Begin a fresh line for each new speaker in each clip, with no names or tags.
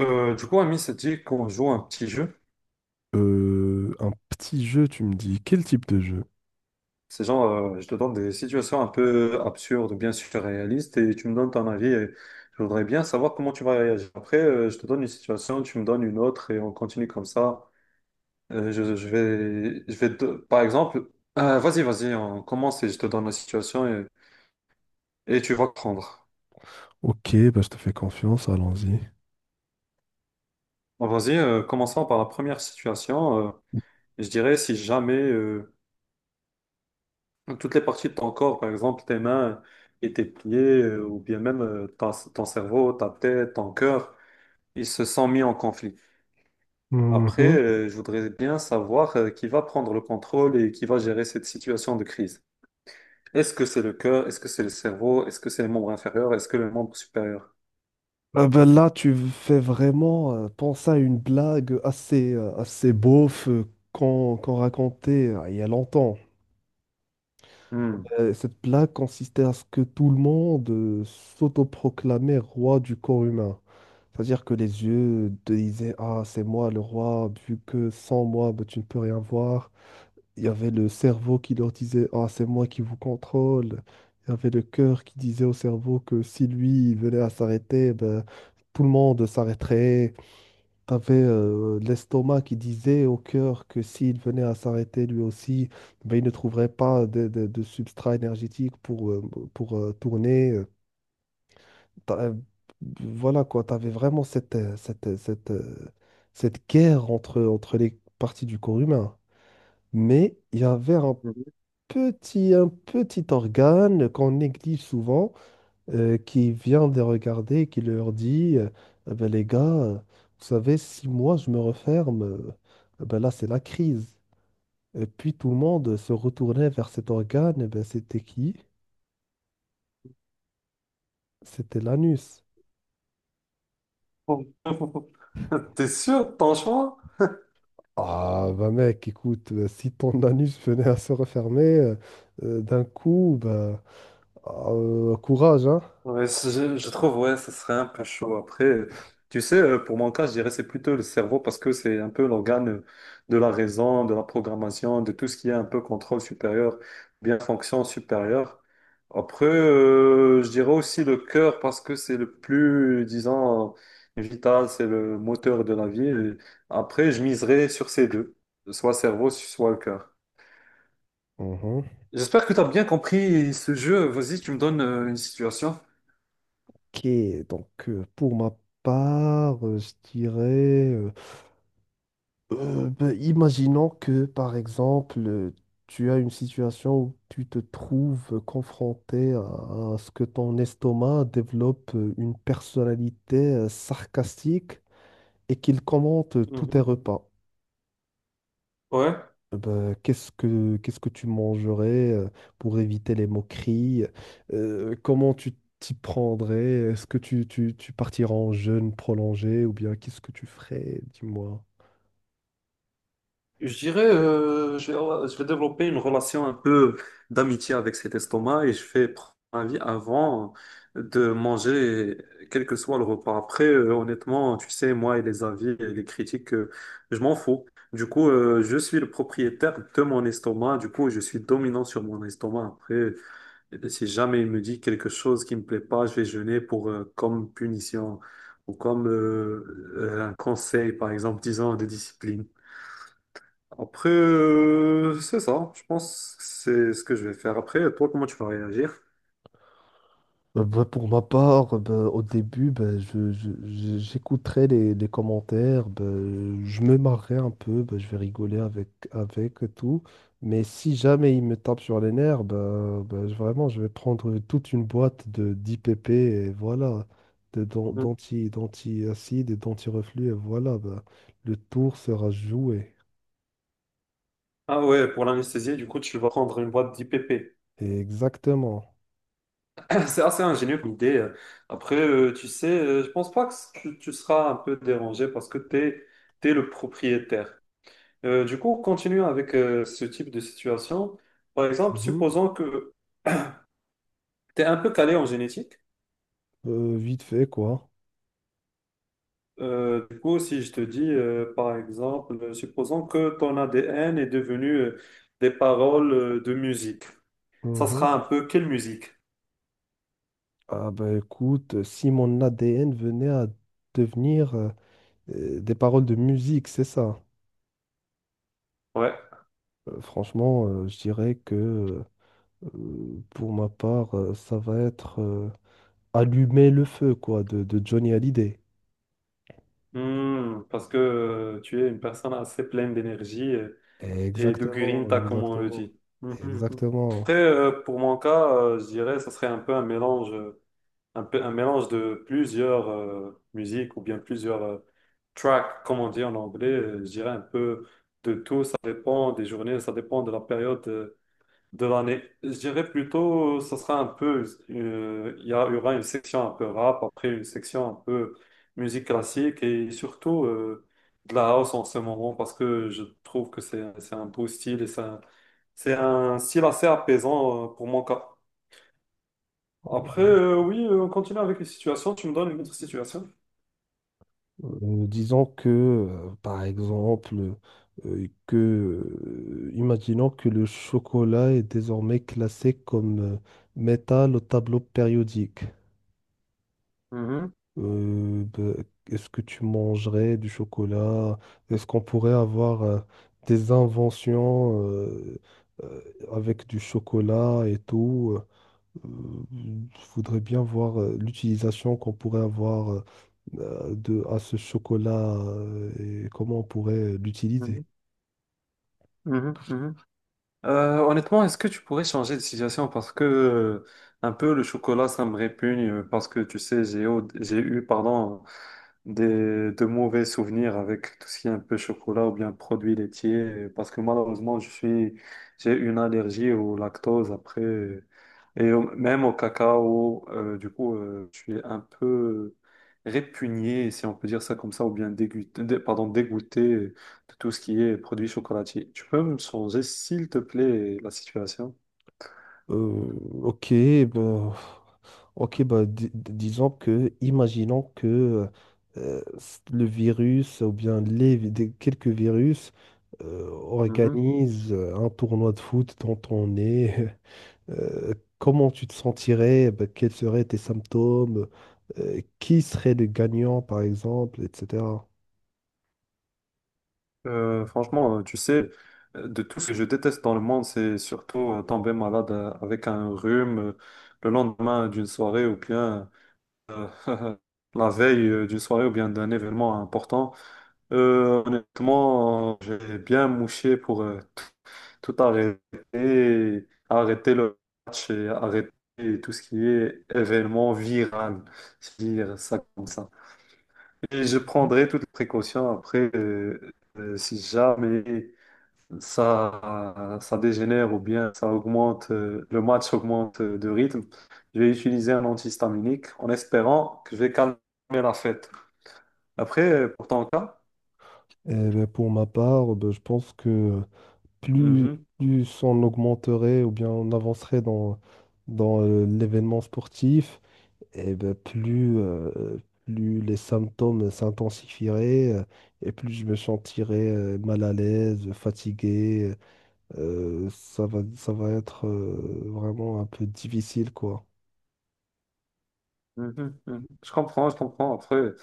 Ami, c'est dit qu'on joue un petit jeu.
Un petit jeu, tu me dis. Quel type de jeu?
C'est genre, je te donne des situations un peu absurdes, bien sûr réalistes, et tu me donnes ton avis. Et je voudrais bien savoir comment tu vas réagir. Après, je te donne une situation, tu me donnes une autre, et on continue comme ça. Par exemple, vas-y, vas-y, on commence et je te donne la situation et tu vas prendre.
Ok, bah, je te fais confiance, allons-y.
Bon, vas-y, commençons par la première situation. Je dirais si jamais Donc, toutes les parties de ton corps, par exemple tes mains et tes pieds, ou bien même ton cerveau, ta tête, ton cœur, ils se sont mis en conflit. Après,
Mhm.
je voudrais bien savoir qui va prendre le contrôle et qui va gérer cette situation de crise. Est-ce que c'est le cœur? Est-ce que c'est le cerveau? Est-ce que c'est les membres inférieurs? Est-ce que le membre supérieur?
Ah bah, là, tu fais vraiment penser à une blague assez, assez beauf qu'on racontait il y a longtemps.
Hmm.
Cette blague consistait à ce que tout le monde s'autoproclamait roi du corps humain. C'est-à-dire que les yeux te disaient, « Ah, c'est moi le roi, vu que sans moi, ben tu ne peux rien voir. » Il y avait le cerveau qui leur disait, « Ah, c'est moi qui vous contrôle. » Il y avait le cœur qui disait au cerveau que si lui il venait à s'arrêter, ben, tout le monde s'arrêterait. Tu avais l'estomac qui disait au cœur que s'il venait à s'arrêter lui aussi, ben, il ne trouverait pas de substrat énergétique pour, tourner. T'as- euh, Voilà quoi, tu avais vraiment cette guerre entre les parties du corps humain. Mais il y avait un petit organe qu'on néglige souvent, qui vient les regarder et qui leur dit, Ah ben, les gars, vous savez, si moi je me referme, ah ben là c'est la crise. » Et puis tout le monde se retournait vers cet organe, et ben, c'était qui? C'était l'anus.
T'es sûr de ton choix?
Ah bah mec, écoute, si ton anus venait à se refermer d'un coup, bah, ah, courage, hein?
Ouais, je trouve, ouais, ça serait un peu chaud. Après, tu sais, pour mon cas, je dirais c'est plutôt le cerveau parce que c'est un peu l'organe de la raison, de la programmation, de tout ce qui est un peu contrôle supérieur, bien fonction supérieure. Après, je dirais aussi le cœur parce que c'est le plus, disons, vital, c'est le moteur de la vie. Et après, je miserais sur ces deux, soit cerveau, soit le cœur. J'espère que tu as bien compris ce jeu. Vas-y, tu me donnes une situation.
Ok, donc pour ma part, je dirais, euh, ben, imaginons que par exemple, tu as une situation où tu te trouves confronté à ce que ton estomac développe une personnalité sarcastique et qu'il commente tous tes
Mhm.
repas.
Ouais.
Bah, qu'est-ce que tu mangerais pour éviter les moqueries? Comment tu t'y prendrais? Est-ce que tu partiras en jeûne prolongé ou bien qu'est-ce que tu ferais? Dis-moi.
Je dirais, je vais développer une relation un peu d'amitié avec cet estomac et je vais prendre un avis avant de manger, quel que soit le repas. Après, honnêtement, tu sais, moi et les avis et les critiques, je m'en fous. Du coup, je suis le propriétaire de mon estomac. Du coup, je suis dominant sur mon estomac. Après, si jamais il me dit quelque chose qui me plaît pas, je vais jeûner pour, comme punition ou comme un conseil, par exemple, disant de discipline. Après, c'est ça. Je pense que c'est ce que je vais faire après. Toi, comment tu vas réagir?
Bah, pour ma part, bah, au début, bah, j'écouterai les commentaires, bah, je me marrerai un peu, bah, je vais rigoler avec et tout. Mais si jamais il me tape sur les nerfs, vraiment, je vais prendre toute une boîte de d'IPP et voilà,
Mm.
d'acide et d'anti-reflux et voilà, bah, le tour sera joué.
Ah ouais, pour l'anesthésier, du coup, tu vas prendre une boîte d'IPP.
Et exactement.
C'est assez ingénieux comme idée. Après, tu sais, je pense pas que tu seras un peu dérangé parce que t'es le propriétaire. Du coup, continue avec ce type de situation. Par exemple,
Mhm.
supposons que tu es un peu calé en génétique.
Vite fait, quoi.
Du coup, si je te dis, par exemple, supposons que ton ADN est devenu des paroles de musique, ça
Mhm.
sera un peu quelle musique?
Ah bah écoute, si mon ADN venait à devenir des paroles de musique, c'est ça.
Ouais.
Franchement, je dirais que pour ma part, ça va être Allumer le feu, quoi, de Johnny Hallyday.
Hmm, parce que tu es une personne assez pleine d'énergie et de
Exactement,
grinta, comme on le
exactement,
dit. Mhm, mhm.
exactement.
Après, pour mon cas, je dirais, ça serait un peu un mélange. Un peu un mélange de plusieurs musiques ou bien plusieurs tracks, comme on dit en anglais. Je dirais un peu de tout. Ça dépend des journées, ça dépend de la période de l'année. Je dirais plutôt, ça sera un peu, il y aura une section un peu rap, après une section un peu musique classique et surtout de la house en ce moment parce que je trouve que c'est un beau style et c'est un style assez apaisant pour mon cas. Après, oui, on continue avec les situations. Tu me donnes une autre situation.
Disons que, par exemple, imaginons que le chocolat est désormais classé comme métal au tableau périodique.
Mhm,
Ben, est-ce que tu mangerais du chocolat? Est-ce qu'on pourrait avoir des inventions euh, avec du chocolat et tout? Je voudrais bien voir l'utilisation qu'on pourrait avoir à ce chocolat et comment on pourrait l'utiliser.
mhm, mhm, mhm. Honnêtement, est-ce que tu pourrais changer de situation? Parce que un peu le chocolat, ça me répugne parce que tu sais, j'ai eu pardon, de mauvais souvenirs avec tout ce qui est un peu chocolat ou bien produits laitiers, parce que malheureusement, j'ai une allergie au lactose après, même au cacao, du coup, je suis un peu répugné, si on peut dire ça comme ça, ou bien dégoûté, pardon, dégoûté de tout ce qui est produits chocolatiers. Tu peux me changer, s'il te plaît, la situation?
Euh, ok, ben, ok, bah, disons que, imaginons que le virus ou bien quelques virus organisent un tournoi de foot dont on est, comment tu te sentirais, bah, quels seraient tes symptômes, qui serait le gagnant, par exemple, etc.
Franchement, tu sais, de tout ce que je déteste dans le monde, c'est surtout tomber malade avec un rhume le lendemain d'une soirée ou bien euh, la veille d'une soirée ou bien d'un événement important. Honnêtement, j'ai bien mouché pour tout arrêter, arrêter le match et arrêter tout ce qui est événement viral, si je veux dire ça comme ça. Et je prendrai toutes les précautions après si jamais ça dégénère ou bien ça augmente, le match augmente de rythme, je vais utiliser un antihistaminique en espérant que je vais calmer la fête. Après, pour ton cas,
Eh ben, pour ma part, ben, je pense que plus,
mhm,
plus on augmenterait ou bien on avancerait dans l'événement sportif, et ben, plus les symptômes s'intensifieraient et plus je me sentirais mal à l'aise, fatigué. Ça va être vraiment un peu difficile, quoi.
mhm, mhm. Je comprends, je comprends. Après,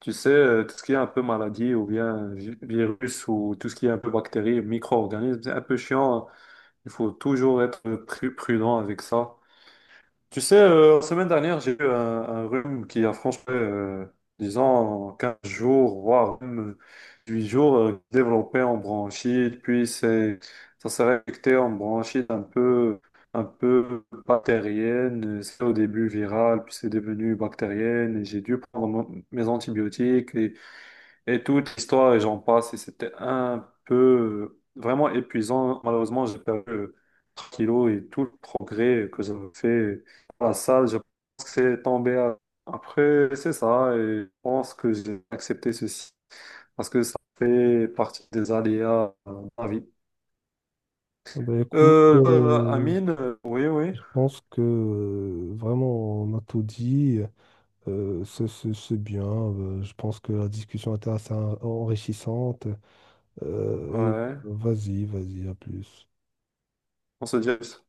tu sais, tout ce qui est un peu maladie ou bien virus ou tout ce qui est un peu bactéries, micro-organismes, c'est un peu chiant, hein. Il faut toujours être prudent avec ça. Tu sais, la semaine dernière, j'ai eu un rhume qui a franchement, disons, 15 jours, voire même 8 jours, développé en bronchite, ça s'est réflecté en bronchite un peu bactérienne. C'est au début viral, puis c'est devenu bactérienne, et j'ai dû prendre mes antibiotiques. Et toute l'histoire, et j'en passe, et c'était un peu vraiment épuisant. Malheureusement, j'ai perdu 3 kilos et tout le progrès que j'avais fait à la salle, je pense que c'est tombé à- Après, c'est ça, et je pense que j'ai accepté ceci parce que ça fait partie des aléas de la vie.
Ah bah écoute,
Amine, oui, oui,
je pense que vraiment on a tout dit. C'est bien. Je pense que la discussion était assez enrichissante.
ouais,
Vas-y, vas-y, à plus.
on se dit.